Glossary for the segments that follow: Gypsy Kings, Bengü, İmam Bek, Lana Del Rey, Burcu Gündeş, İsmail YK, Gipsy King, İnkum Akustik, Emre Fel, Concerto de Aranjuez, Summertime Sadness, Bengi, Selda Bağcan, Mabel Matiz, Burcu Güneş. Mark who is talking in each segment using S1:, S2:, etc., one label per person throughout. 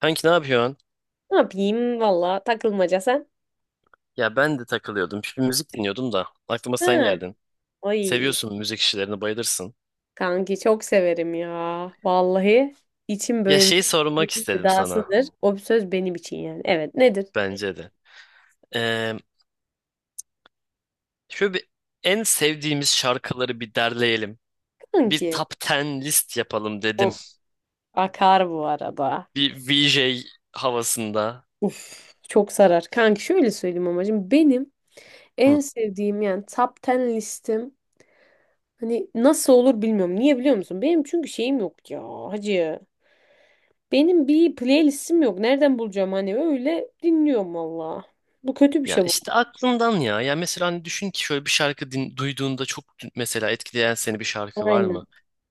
S1: Kanki ne yapıyorsun?
S2: Ne yapayım valla takılmaca sen.
S1: Ya ben de takılıyordum. Bir müzik dinliyordum da. Aklıma
S2: Hı.
S1: sen
S2: Ha.
S1: geldin.
S2: Ay
S1: Seviyorsun müzik işlerini, bayılırsın.
S2: kanki çok severim ya. Vallahi içim
S1: Ya
S2: böyle
S1: şey sormak
S2: milletin
S1: istedim sana.
S2: gıdasıdır. O bir söz benim için yani. Evet, nedir?
S1: Bence de. Ee, şöyle bir en sevdiğimiz şarkıları bir derleyelim. Bir
S2: Kanki.
S1: top 10 list yapalım dedim.
S2: Of, akar bu arada.
S1: Bir VJ havasında.
S2: Uf, çok sarar. Kanki şöyle söyleyeyim amacım. Benim
S1: Hı.
S2: en sevdiğim yani top 10 listem hani nasıl olur bilmiyorum. Niye biliyor musun? Benim çünkü şeyim yok ya hacı. Benim bir playlistim yok. Nereden bulacağım hani öyle dinliyorum valla. Bu kötü bir
S1: Ya
S2: şey bu.
S1: işte aklından ya. Ya mesela hani düşün ki şöyle bir şarkı duyduğunda çok mesela etkileyen seni bir şarkı var mı?
S2: Aynen.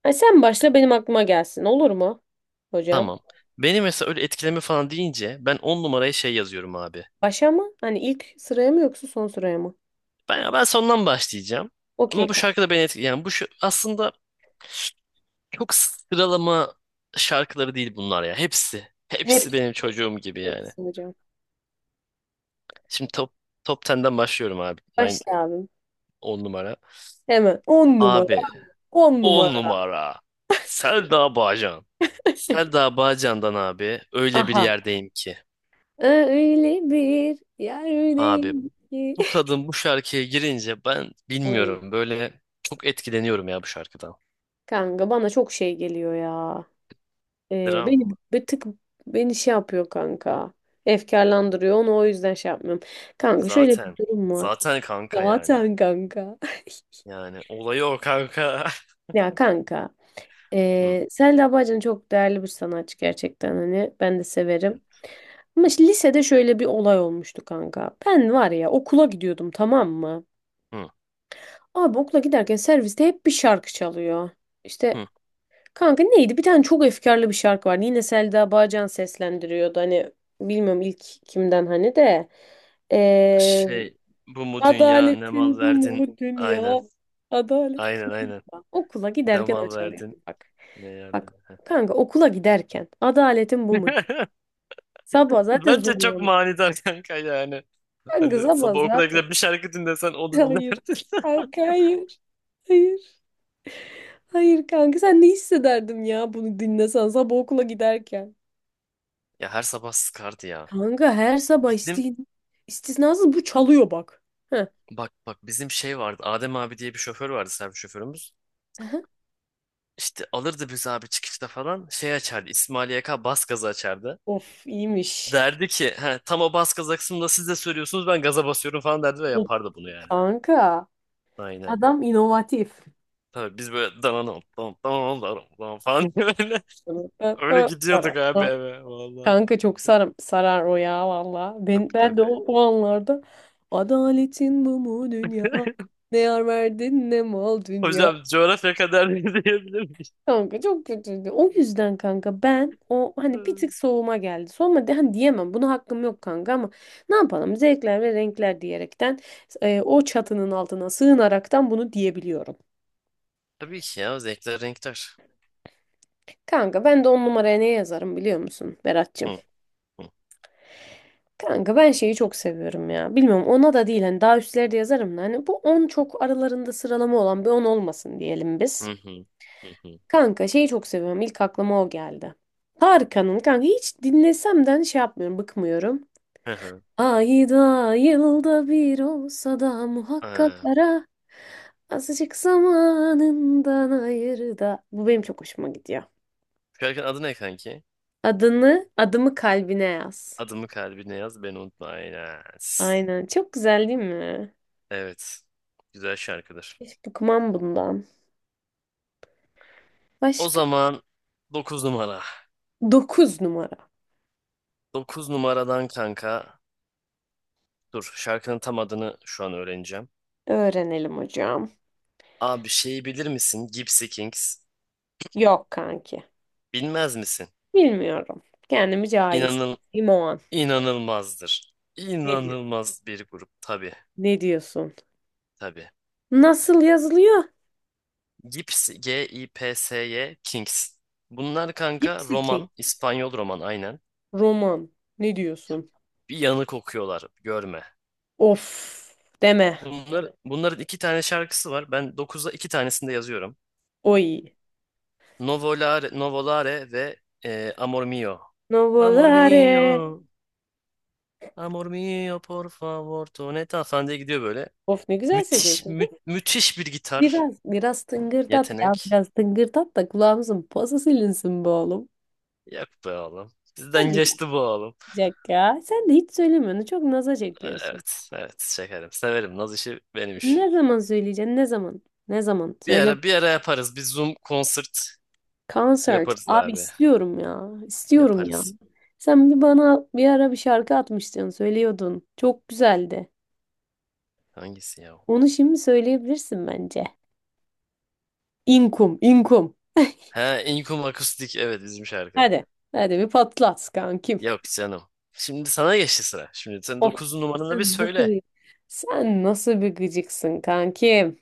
S2: Ay sen başla benim aklıma gelsin. Olur mu hocam?
S1: Tamam. Beni mesela öyle etkileme falan deyince ben 10 numaraya şey yazıyorum abi.
S2: Başa mı? Hani ilk sıraya mı yoksa son sıraya mı?
S1: Ben sondan başlayacağım.
S2: Okey
S1: Ama bu
S2: kanka.
S1: şarkı da beni etkiledi. Yani bu şu, aslında çok sıralama şarkıları değil bunlar ya. Hepsi.
S2: Hep,
S1: Hepsi benim çocuğum gibi yani.
S2: Hepsi hocam.
S1: Şimdi top 10'den başlıyorum abi.
S2: Başla abim.
S1: 10 numara.
S2: Hemen. On numara.
S1: Abi
S2: On
S1: 10
S2: numara.
S1: numara. Selda Bağcan. Selda Bağcan'dan abi öyle bir
S2: Aha.
S1: yerdeyim ki.
S2: Öyle bir
S1: Abi
S2: yerdeyim ki.
S1: bu kadın bu şarkıya girince ben
S2: Oy.
S1: bilmiyorum böyle çok etkileniyorum ya bu şarkıdan.
S2: Kanka bana çok şey geliyor ya.
S1: Dram
S2: Beni
S1: mı?
S2: bir tık beni şey yapıyor kanka. Efkarlandırıyor. Onu o yüzden şey yapmıyorum. Kanka şöyle bir
S1: Zaten.
S2: durum var.
S1: Zaten kanka yani.
S2: Zaten kanka.
S1: Yani olayı o kanka.
S2: Ya kanka.
S1: Hı,
S2: Selda Bağcan çok değerli bir sanatçı gerçekten hani ben de severim. Ama işte lisede şöyle bir olay olmuştu kanka. Ben var ya okula gidiyordum, tamam mı?
S1: hı,
S2: Abi okula giderken serviste hep bir şarkı çalıyor. İşte
S1: hı.
S2: kanka neydi? Bir tane çok efkarlı bir şarkı vardı. Yine Selda Bağcan seslendiriyordu. Hani bilmiyorum ilk kimden hani de.
S1: Şey bu mu dünya ne mal
S2: Adaletin bu
S1: verdin?
S2: mu
S1: Aynen.
S2: dünya. Adalet
S1: Aynen, aynen.
S2: kılında. Okula
S1: Ne
S2: giderken
S1: mal
S2: açılıyor.
S1: verdin?
S2: Bak.
S1: Ne
S2: Bak
S1: yardım.
S2: kanka okula giderken adaletin bu mu? Sabah zaten zor
S1: Bence çok
S2: uyanmış.
S1: manidar kanka yani.
S2: Kanka
S1: Hani
S2: sabah
S1: sabah okula
S2: zaten.
S1: gidip bir şarkı dinlesen onu
S2: Hayır.
S1: dinlerdin.
S2: Kanka hayır. Hayır. Hayır kanka sen ne hissederdin ya bunu dinlesen sabah okula giderken.
S1: Ya her sabah sıkardı ya.
S2: Kanka her sabah
S1: Bizim
S2: istisnasız bu çalıyor bak. Heh.
S1: bak bak bizim şey vardı. Adem abi diye bir şoför vardı, servis şoförümüz. İşte alırdı bizi abi, çıkışta falan şey açardı. İsmail YK bas gazı açardı.
S2: Of iyiymiş.
S1: Derdi ki he, tam o bas gaza kısmında siz de söylüyorsunuz, ben gaza basıyorum falan derdi ve
S2: Of.
S1: yapardı bunu yani.
S2: Kanka
S1: Aynen.
S2: adam inovatif.
S1: Tabii biz böyle dananam dam dananam dananam dam falan diye böyle öyle gidiyorduk abi eve valla.
S2: Kanka çok sarar o ya valla.
S1: Tabii,
S2: Ben de o,
S1: tabii.
S2: o anlarda adaletin bu mu dünya? Ne yar verdin ne mal dünya.
S1: Hocam coğrafya kadar diyebilir miyiz?
S2: Kanka çok kötüydü. O yüzden kanka ben o hani bir tık soğuma geldi. Soğuma de, hani diyemem. Buna hakkım yok kanka ama ne yapalım? Zevkler ve renkler diyerekten o çatının altına sığınaraktan bunu diyebiliyorum.
S1: Tabii ki ya, zevkler renkler.
S2: Kanka ben de on numaraya ne yazarım biliyor musun
S1: Hı
S2: Berat'cığım?
S1: hı,
S2: Kanka ben şeyi çok seviyorum ya. Bilmiyorum ona da değil hani daha üstlerde yazarım da hani bu on çok aralarında sıralama olan bir 10 olmasın diyelim biz.
S1: hı hı, hı hı.
S2: Kanka şeyi çok seviyorum. İlk aklıma o geldi. Tarkan'ın kanka hiç dinlesemden şey yapmıyorum, bıkmıyorum.
S1: Hı hı.
S2: Ayda yılda bir olsa da muhakkak
S1: Aa,
S2: ara azıcık zamanından ayır da. Bu benim çok hoşuma gidiyor.
S1: şarkının adı ne kanki?
S2: Adımı kalbine yaz.
S1: Adımı kalbine yaz, beni unutma. Aynen.
S2: Aynen. Çok güzel değil mi?
S1: Evet. Güzel şarkıdır.
S2: Hiç bıkmam bundan.
S1: O
S2: Başka?
S1: zaman 9 numara.
S2: 9 numara.
S1: 9 numaradan kanka. Dur, şarkının tam adını şu an öğreneceğim.
S2: Öğrenelim hocam.
S1: Abi şeyi bilir misin? Gypsy Kings.
S2: Yok kanki.
S1: Bilmez misin?
S2: Bilmiyorum. Kendimi cahil
S1: İnanıl
S2: hissettiğim o an.
S1: inanılmazdır.
S2: Ne diyor?
S1: İnanılmaz bir grup. Tabii,
S2: Ne diyorsun?
S1: tabii.
S2: Nasıl yazılıyor?
S1: Gypsy, G-I-P-S-Y Kings. Bunlar kanka
S2: Gipsy King.
S1: roman. İspanyol roman, aynen.
S2: Roman. Ne diyorsun?
S1: Bir yanık okuyorlar. Görme.
S2: Of, deme.
S1: Bunların iki tane şarkısı var. Ben dokuzda iki tanesini de yazıyorum.
S2: Oy.
S1: Novolare, Novolare ve Amor Mio. Amor
S2: Novolare.
S1: mio. Amor mio, por favor, toneta falan diye gidiyor böyle.
S2: Of ne güzel
S1: Müthiş,
S2: söylüyorsun
S1: mü-
S2: kız.
S1: müthiş bir gitar
S2: Biraz tıngırdat ya.
S1: yetenek.
S2: Biraz tıngırdat da kulağımızın pası silinsin be oğlum.
S1: Yok be oğlum. Bizden
S2: Hadi
S1: geçti bu oğlum.
S2: yapacak ya. Sen de hiç söylemiyorsun. Çok naza çekiyorsun.
S1: Evet, evet şekerim. Severim. Naz işi benim iş.
S2: Ne zaman söyleyeceksin? Ne zaman? Ne zaman?
S1: Bir
S2: Söyle
S1: ara, bir ara yaparız. Bir Zoom konsert
S2: konsert.
S1: yaparız
S2: Abi
S1: abi.
S2: istiyorum ya. İstiyorum ya.
S1: Yaparız.
S2: Sen bir bana bir ara bir şarkı atmıştın, söylüyordun. Çok güzeldi.
S1: Hangisi ya o?
S2: Onu şimdi söyleyebilirsin bence. İnkum.
S1: Ha, İnkum Akustik. Evet, bizim şarkı.
S2: Hadi. Hadi bir patlat kankim.
S1: Yok canım. Şimdi sana geçti sıra. Şimdi sen
S2: Of.
S1: 9 numaranı bir
S2: Sen nasıl
S1: söyle.
S2: bir, Sen nasıl bir gıcıksın kankim?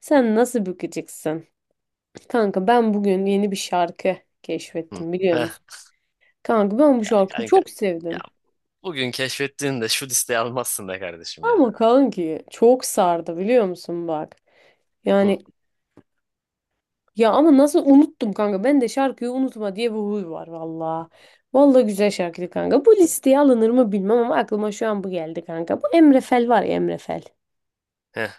S2: Sen nasıl bir gıcıksın? Kanka ben bugün yeni bir şarkı
S1: Hı.
S2: keşfettim biliyor
S1: Heh.
S2: musun? Kanka ben bu
S1: Ya
S2: şarkıyı
S1: kanka.
S2: çok
S1: Ya
S2: sevdim.
S1: bugün keşfettiğinde şu listeyi almazsın be kardeşim ya.
S2: Ama kanki çok sardı biliyor musun bak.
S1: Hı,
S2: Yani ya ama nasıl unuttum kanka. Ben de şarkıyı unutma diye bir huy var valla. Valla güzel şarkıydı kanka. Bu listeye alınır mı bilmem ama aklıma şu an bu geldi kanka. Bu Emre Fel var ya Emre Fel.
S1: heh,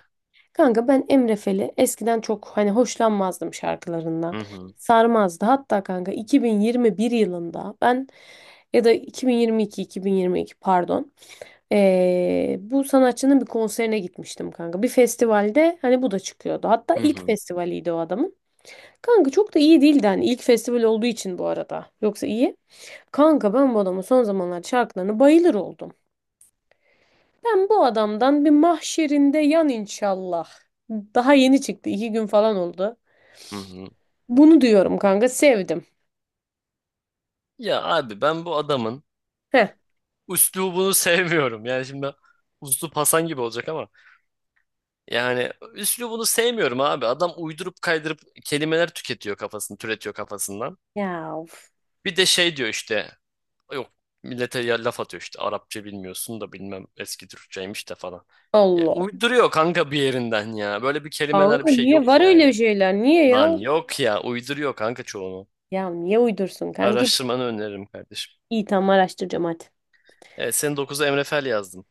S2: Kanka ben Emre Fel'i eskiden çok hani hoşlanmazdım şarkılarından.
S1: hı hı,
S2: Sarmazdı. Hatta kanka 2021 yılında ben ya da 2022 pardon. Bu sanatçının bir konserine gitmiştim kanka. Bir festivalde hani bu da çıkıyordu. Hatta
S1: hı
S2: ilk
S1: hı,
S2: festivaliydi o adamın. Kanka çok da iyi değildi hani ilk festival olduğu için bu arada. Yoksa iyi. Kanka ben bu adamın son zamanlar şarkılarına bayılır oldum. Ben bu adamdan bir mahşerinde yan inşallah. Daha yeni çıktı. İki gün falan oldu.
S1: hı hı.
S2: Bunu diyorum kanka sevdim.
S1: Ya abi, ben bu adamın
S2: Heh.
S1: üslubunu sevmiyorum. Yani şimdi üslup Hasan gibi olacak ama yani üslubunu sevmiyorum abi. Adam uydurup kaydırıp kelimeler tüketiyor kafasını, türetiyor kafasından.
S2: Ya of.
S1: Bir de şey diyor işte, yok millete ya laf atıyor işte, Arapça bilmiyorsun da bilmem eski Türkçeymiş de falan. Ya
S2: Allah.
S1: uyduruyor kanka bir yerinden ya. Böyle bir kelimeler,
S2: Kanka
S1: bir şey
S2: niye
S1: yok
S2: var
S1: yani.
S2: öyle şeyler? Niye ya?
S1: Lan yok ya, uyduruyor kanka çoğunu.
S2: Ya niye uydursun kanki?
S1: Araştırmanı öneririm kardeşim.
S2: İyi tamam araştıracağım hadi.
S1: Evet, senin 9'a Emre Fel yazdım.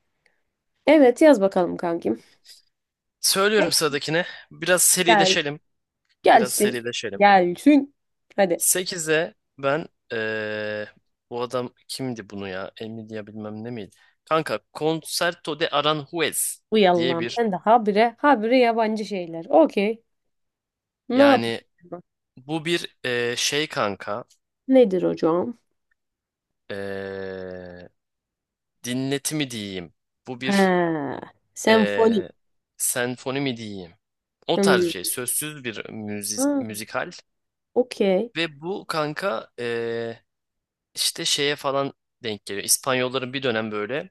S2: Evet yaz bakalım kankim.
S1: Söylüyorum sıradakine. Biraz
S2: Gel.
S1: serileşelim. Biraz
S2: Gelsin.
S1: serileşelim.
S2: Gelsin. Hadi.
S1: Sekize ben bu adam kimdi bunu ya? Emilia bilmem ne miydi? Kanka Concerto de Aranjuez
S2: Uy
S1: diye
S2: Allah'ım
S1: bir
S2: sen de habire habire yabancı şeyler. Okey. Ne
S1: yani
S2: yapalım?
S1: bu bir şey kanka
S2: Nedir hocam?
S1: eee dinleti mi diyeyim? Bu bir
S2: He. Senfoni.
S1: eee senfoni mi diyeyim? O tarz bir
S2: Hmm.
S1: şey. Sözsüz bir müzik,
S2: Ha,
S1: müzikal.
S2: okey.
S1: Ve bu kanka İşte şeye falan denk geliyor. İspanyolların bir dönem böyle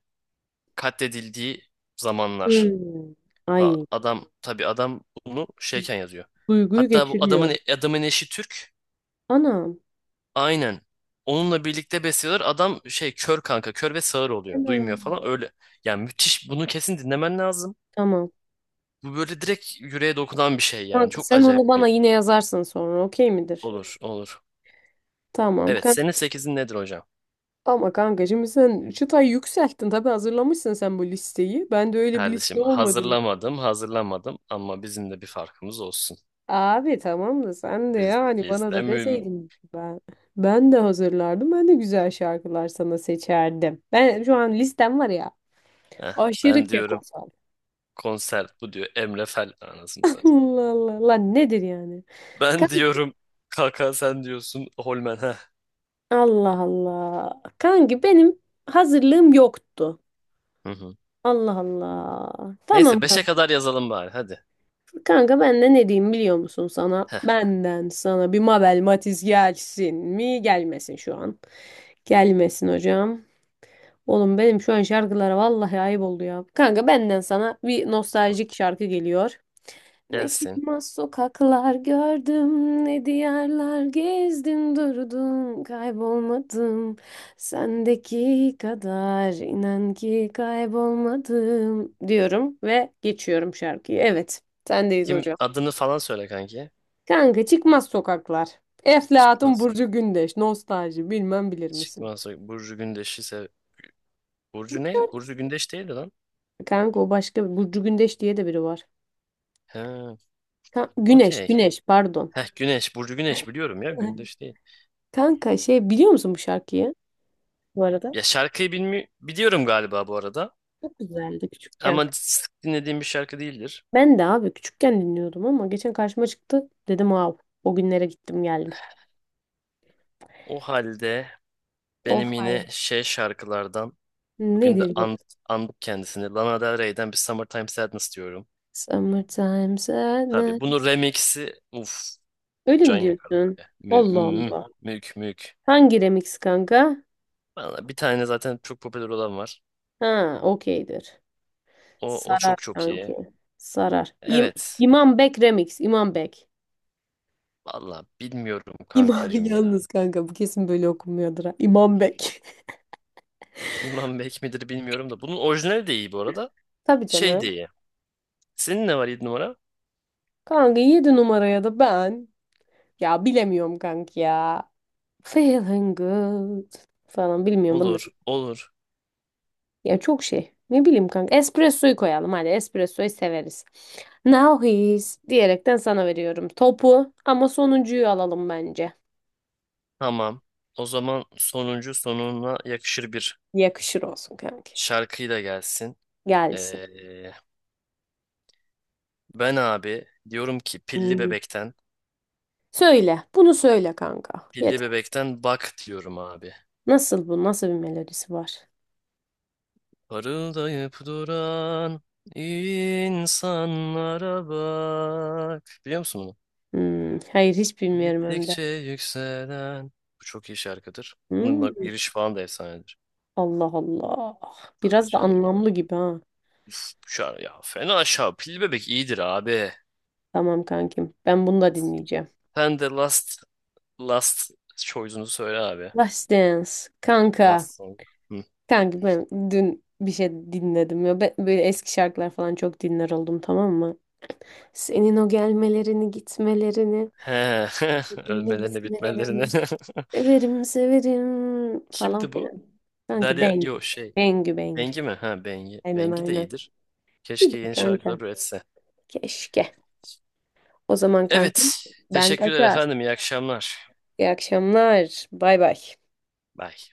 S1: katledildiği zamanlar
S2: Hmm.
S1: falan.
S2: Ay.
S1: Adam tabii adam bunu şeyken yazıyor.
S2: Duyguyu
S1: Hatta bu
S2: geçiriyor.
S1: adamın eşi Türk.
S2: Anam.
S1: Aynen. Onunla birlikte besliyorlar. Adam şey kör kanka, kör ve sağır oluyor. Duymuyor
S2: Anam.
S1: falan öyle. Yani müthiş. Bunu kesin dinlemen lazım.
S2: Tamam.
S1: Bu böyle direkt yüreğe dokunan bir şey yani.
S2: Kanka
S1: Çok
S2: sen onu
S1: acayip
S2: bana
S1: bir
S2: yine yazarsın sonra. Okey midir?
S1: olur, olur.
S2: Tamam.
S1: Evet, senin
S2: Kanka.
S1: sekizin nedir hocam?
S2: Ama kanka şimdi sen çıtayı yükselttin. Tabii hazırlamışsın sen bu listeyi. Ben de öyle bir liste
S1: Kardeşim
S2: olmadı.
S1: hazırlamadım, hazırlamadım ama bizim de bir farkımız olsun.
S2: Abi tamam da sen de
S1: Biz,
S2: yani
S1: biz
S2: bana
S1: de
S2: da
S1: mü...
S2: deseydin ben de hazırlardım. Ben de güzel şarkılar sana seçerdim. Ben şu an listem var ya.
S1: Heh,
S2: Aşırı
S1: ben diyorum
S2: kekozal.
S1: konser bu diyor Emre Fel anasını satayım.
S2: Allah Allah. Lan nedir yani?
S1: Ben
S2: Kan-
S1: diyorum kaka, sen diyorsun Holmen. Heh.
S2: Allah Allah. Kanki benim hazırlığım yoktu.
S1: Hı hı.
S2: Allah Allah. Tamam
S1: Neyse beşe
S2: kanka.
S1: kadar yazalım bari hadi.
S2: Kanka ben de ne diyeyim biliyor musun sana?
S1: Heh,
S2: Benden sana bir Mabel Matiz gelsin mi? Gelmesin şu an. Gelmesin hocam. Oğlum benim şu an şarkılara vallahi ayıp oldu ya. Kanka benden sana bir nostaljik şarkı geliyor. Ne
S1: gelsin.
S2: çıkmaz sokaklar gördüm, ne diyarlar gezdim durdum, kaybolmadım. Sendeki kadar inan ki kaybolmadım diyorum ve geçiyorum şarkıyı. Evet, sendeyiz
S1: Kim
S2: hocam.
S1: adını falan söyle kanki.
S2: Kanka çıkmaz sokaklar.
S1: Çıkmaz
S2: Eflatun
S1: Soy-
S2: Burcu Gündeş, nostalji bilmem bilir misin?
S1: Çıkmazsa Burcu Gündeş'i sev. Burcu ne? Burcu Gündeş değildi lan.
S2: Kanka o başka bir Burcu Gündeş diye de biri var.
S1: He,
S2: Ka- Güneş,
S1: okey.
S2: Güneş pardon.
S1: Heh, Güneş. Burcu Güneş biliyorum ya. Gündeş değil.
S2: Kanka şey biliyor musun bu şarkıyı bu arada?
S1: Ya şarkıyı biliyorum galiba bu arada.
S2: Çok güzeldi küçükken.
S1: Ama sık dinlediğim bir şarkı değildir.
S2: Ben de abi küçükken dinliyordum ama geçen karşıma çıktı. Dedim wow o günlere gittim geldim.
S1: O halde
S2: O
S1: benim yine
S2: hal.
S1: şey şarkılardan bugün de
S2: Nedir bak?
S1: andık kendisini. Lana Del Rey'den bir Summertime Sadness diyorum.
S2: Summertime
S1: Tabii bunun
S2: Sadness.
S1: remix'i, uf,
S2: Öyle
S1: can
S2: mi
S1: yakar
S2: diyorsun?
S1: abi. Mü, mü,
S2: Allah
S1: mü-
S2: Allah.
S1: mük mük.
S2: Hangi remix kanka?
S1: Valla bir tane zaten çok popüler olan var.
S2: Ha okeydir.
S1: O, o
S2: Sarar
S1: çok çok iyi.
S2: kanki. Sarar.
S1: Evet.
S2: İmam Bek remix. İmam Bek.
S1: Valla bilmiyorum
S2: İmam
S1: kankacım ya.
S2: yalnız kanka bu kesin böyle okunmuyordur ha. İmam Bek.
S1: İmam Bek midir bilmiyorum da. Bunun orijinali de iyi bu arada.
S2: Tabii
S1: Şey
S2: canım.
S1: de iyi. Senin ne var yedi numara?
S2: Kanka 7 numaraya da ben. Ya bilemiyorum kanka ya. Feeling good falan bilmiyorum bunu da.
S1: Olur, olur.
S2: Ya çok şey. Ne bileyim kanka. Espresso'yu koyalım hadi. Espresso'yu severiz. Now he's diyerekten sana veriyorum topu ama sonuncuyu alalım bence.
S1: Tamam. O zaman sonuncu sonuna yakışır bir
S2: Yakışır olsun kanka.
S1: şarkıyla gelsin.
S2: Gelsin.
S1: Ee, ben abi diyorum ki pilli
S2: Hmm.
S1: bebekten,
S2: Söyle. Bunu söyle kanka.
S1: pilli
S2: Yeter.
S1: bebekten bak diyorum abi.
S2: Nasıl bu? Nasıl bir melodisi var?
S1: Parıldayıp duran insanlara bak. Biliyor musun bunu?
S2: Hmm. Hayır hiç bilmiyorum hem de.
S1: Gittikçe yükselen. Bu çok iyi şarkıdır. Bunun bak
S2: Hmm.
S1: giriş falan da efsanedir.
S2: Allah Allah.
S1: Tabii
S2: Biraz da
S1: canım ya.
S2: anlamlı gibi ha.
S1: Üf, şar ya fena aşağı. Pilli bebek iyidir abi.
S2: Tamam kankim. Ben bunu da dinleyeceğim.
S1: Sen de last choice'unu söyle abi.
S2: Last Dance. Kanka.
S1: Last song. Hı.
S2: Kanka ben dün bir şey dinledim ya. Ben böyle eski şarkılar falan çok dinler oldum, tamam mı? Senin o gelmelerini, gitmelerini,
S1: He,
S2: birbirini
S1: ölmelerine bitmelerine.
S2: bitmelerini. Severim, severim falan
S1: Kimdi bu?
S2: filan. Kanki
S1: Derya,
S2: Bengü.
S1: yo şey.
S2: Bengü.
S1: Bengi mi? Ha, Bengi.
S2: Aynen
S1: Bengi de
S2: aynen.
S1: iyidir. Keşke
S2: Gider
S1: yeni
S2: kanka.
S1: şarkılar üretse.
S2: Keşke. O zaman kankim
S1: Evet.
S2: ben
S1: Teşekkürler
S2: kaçar.
S1: efendim. İyi akşamlar.
S2: İyi akşamlar. Bay bay.
S1: Bye.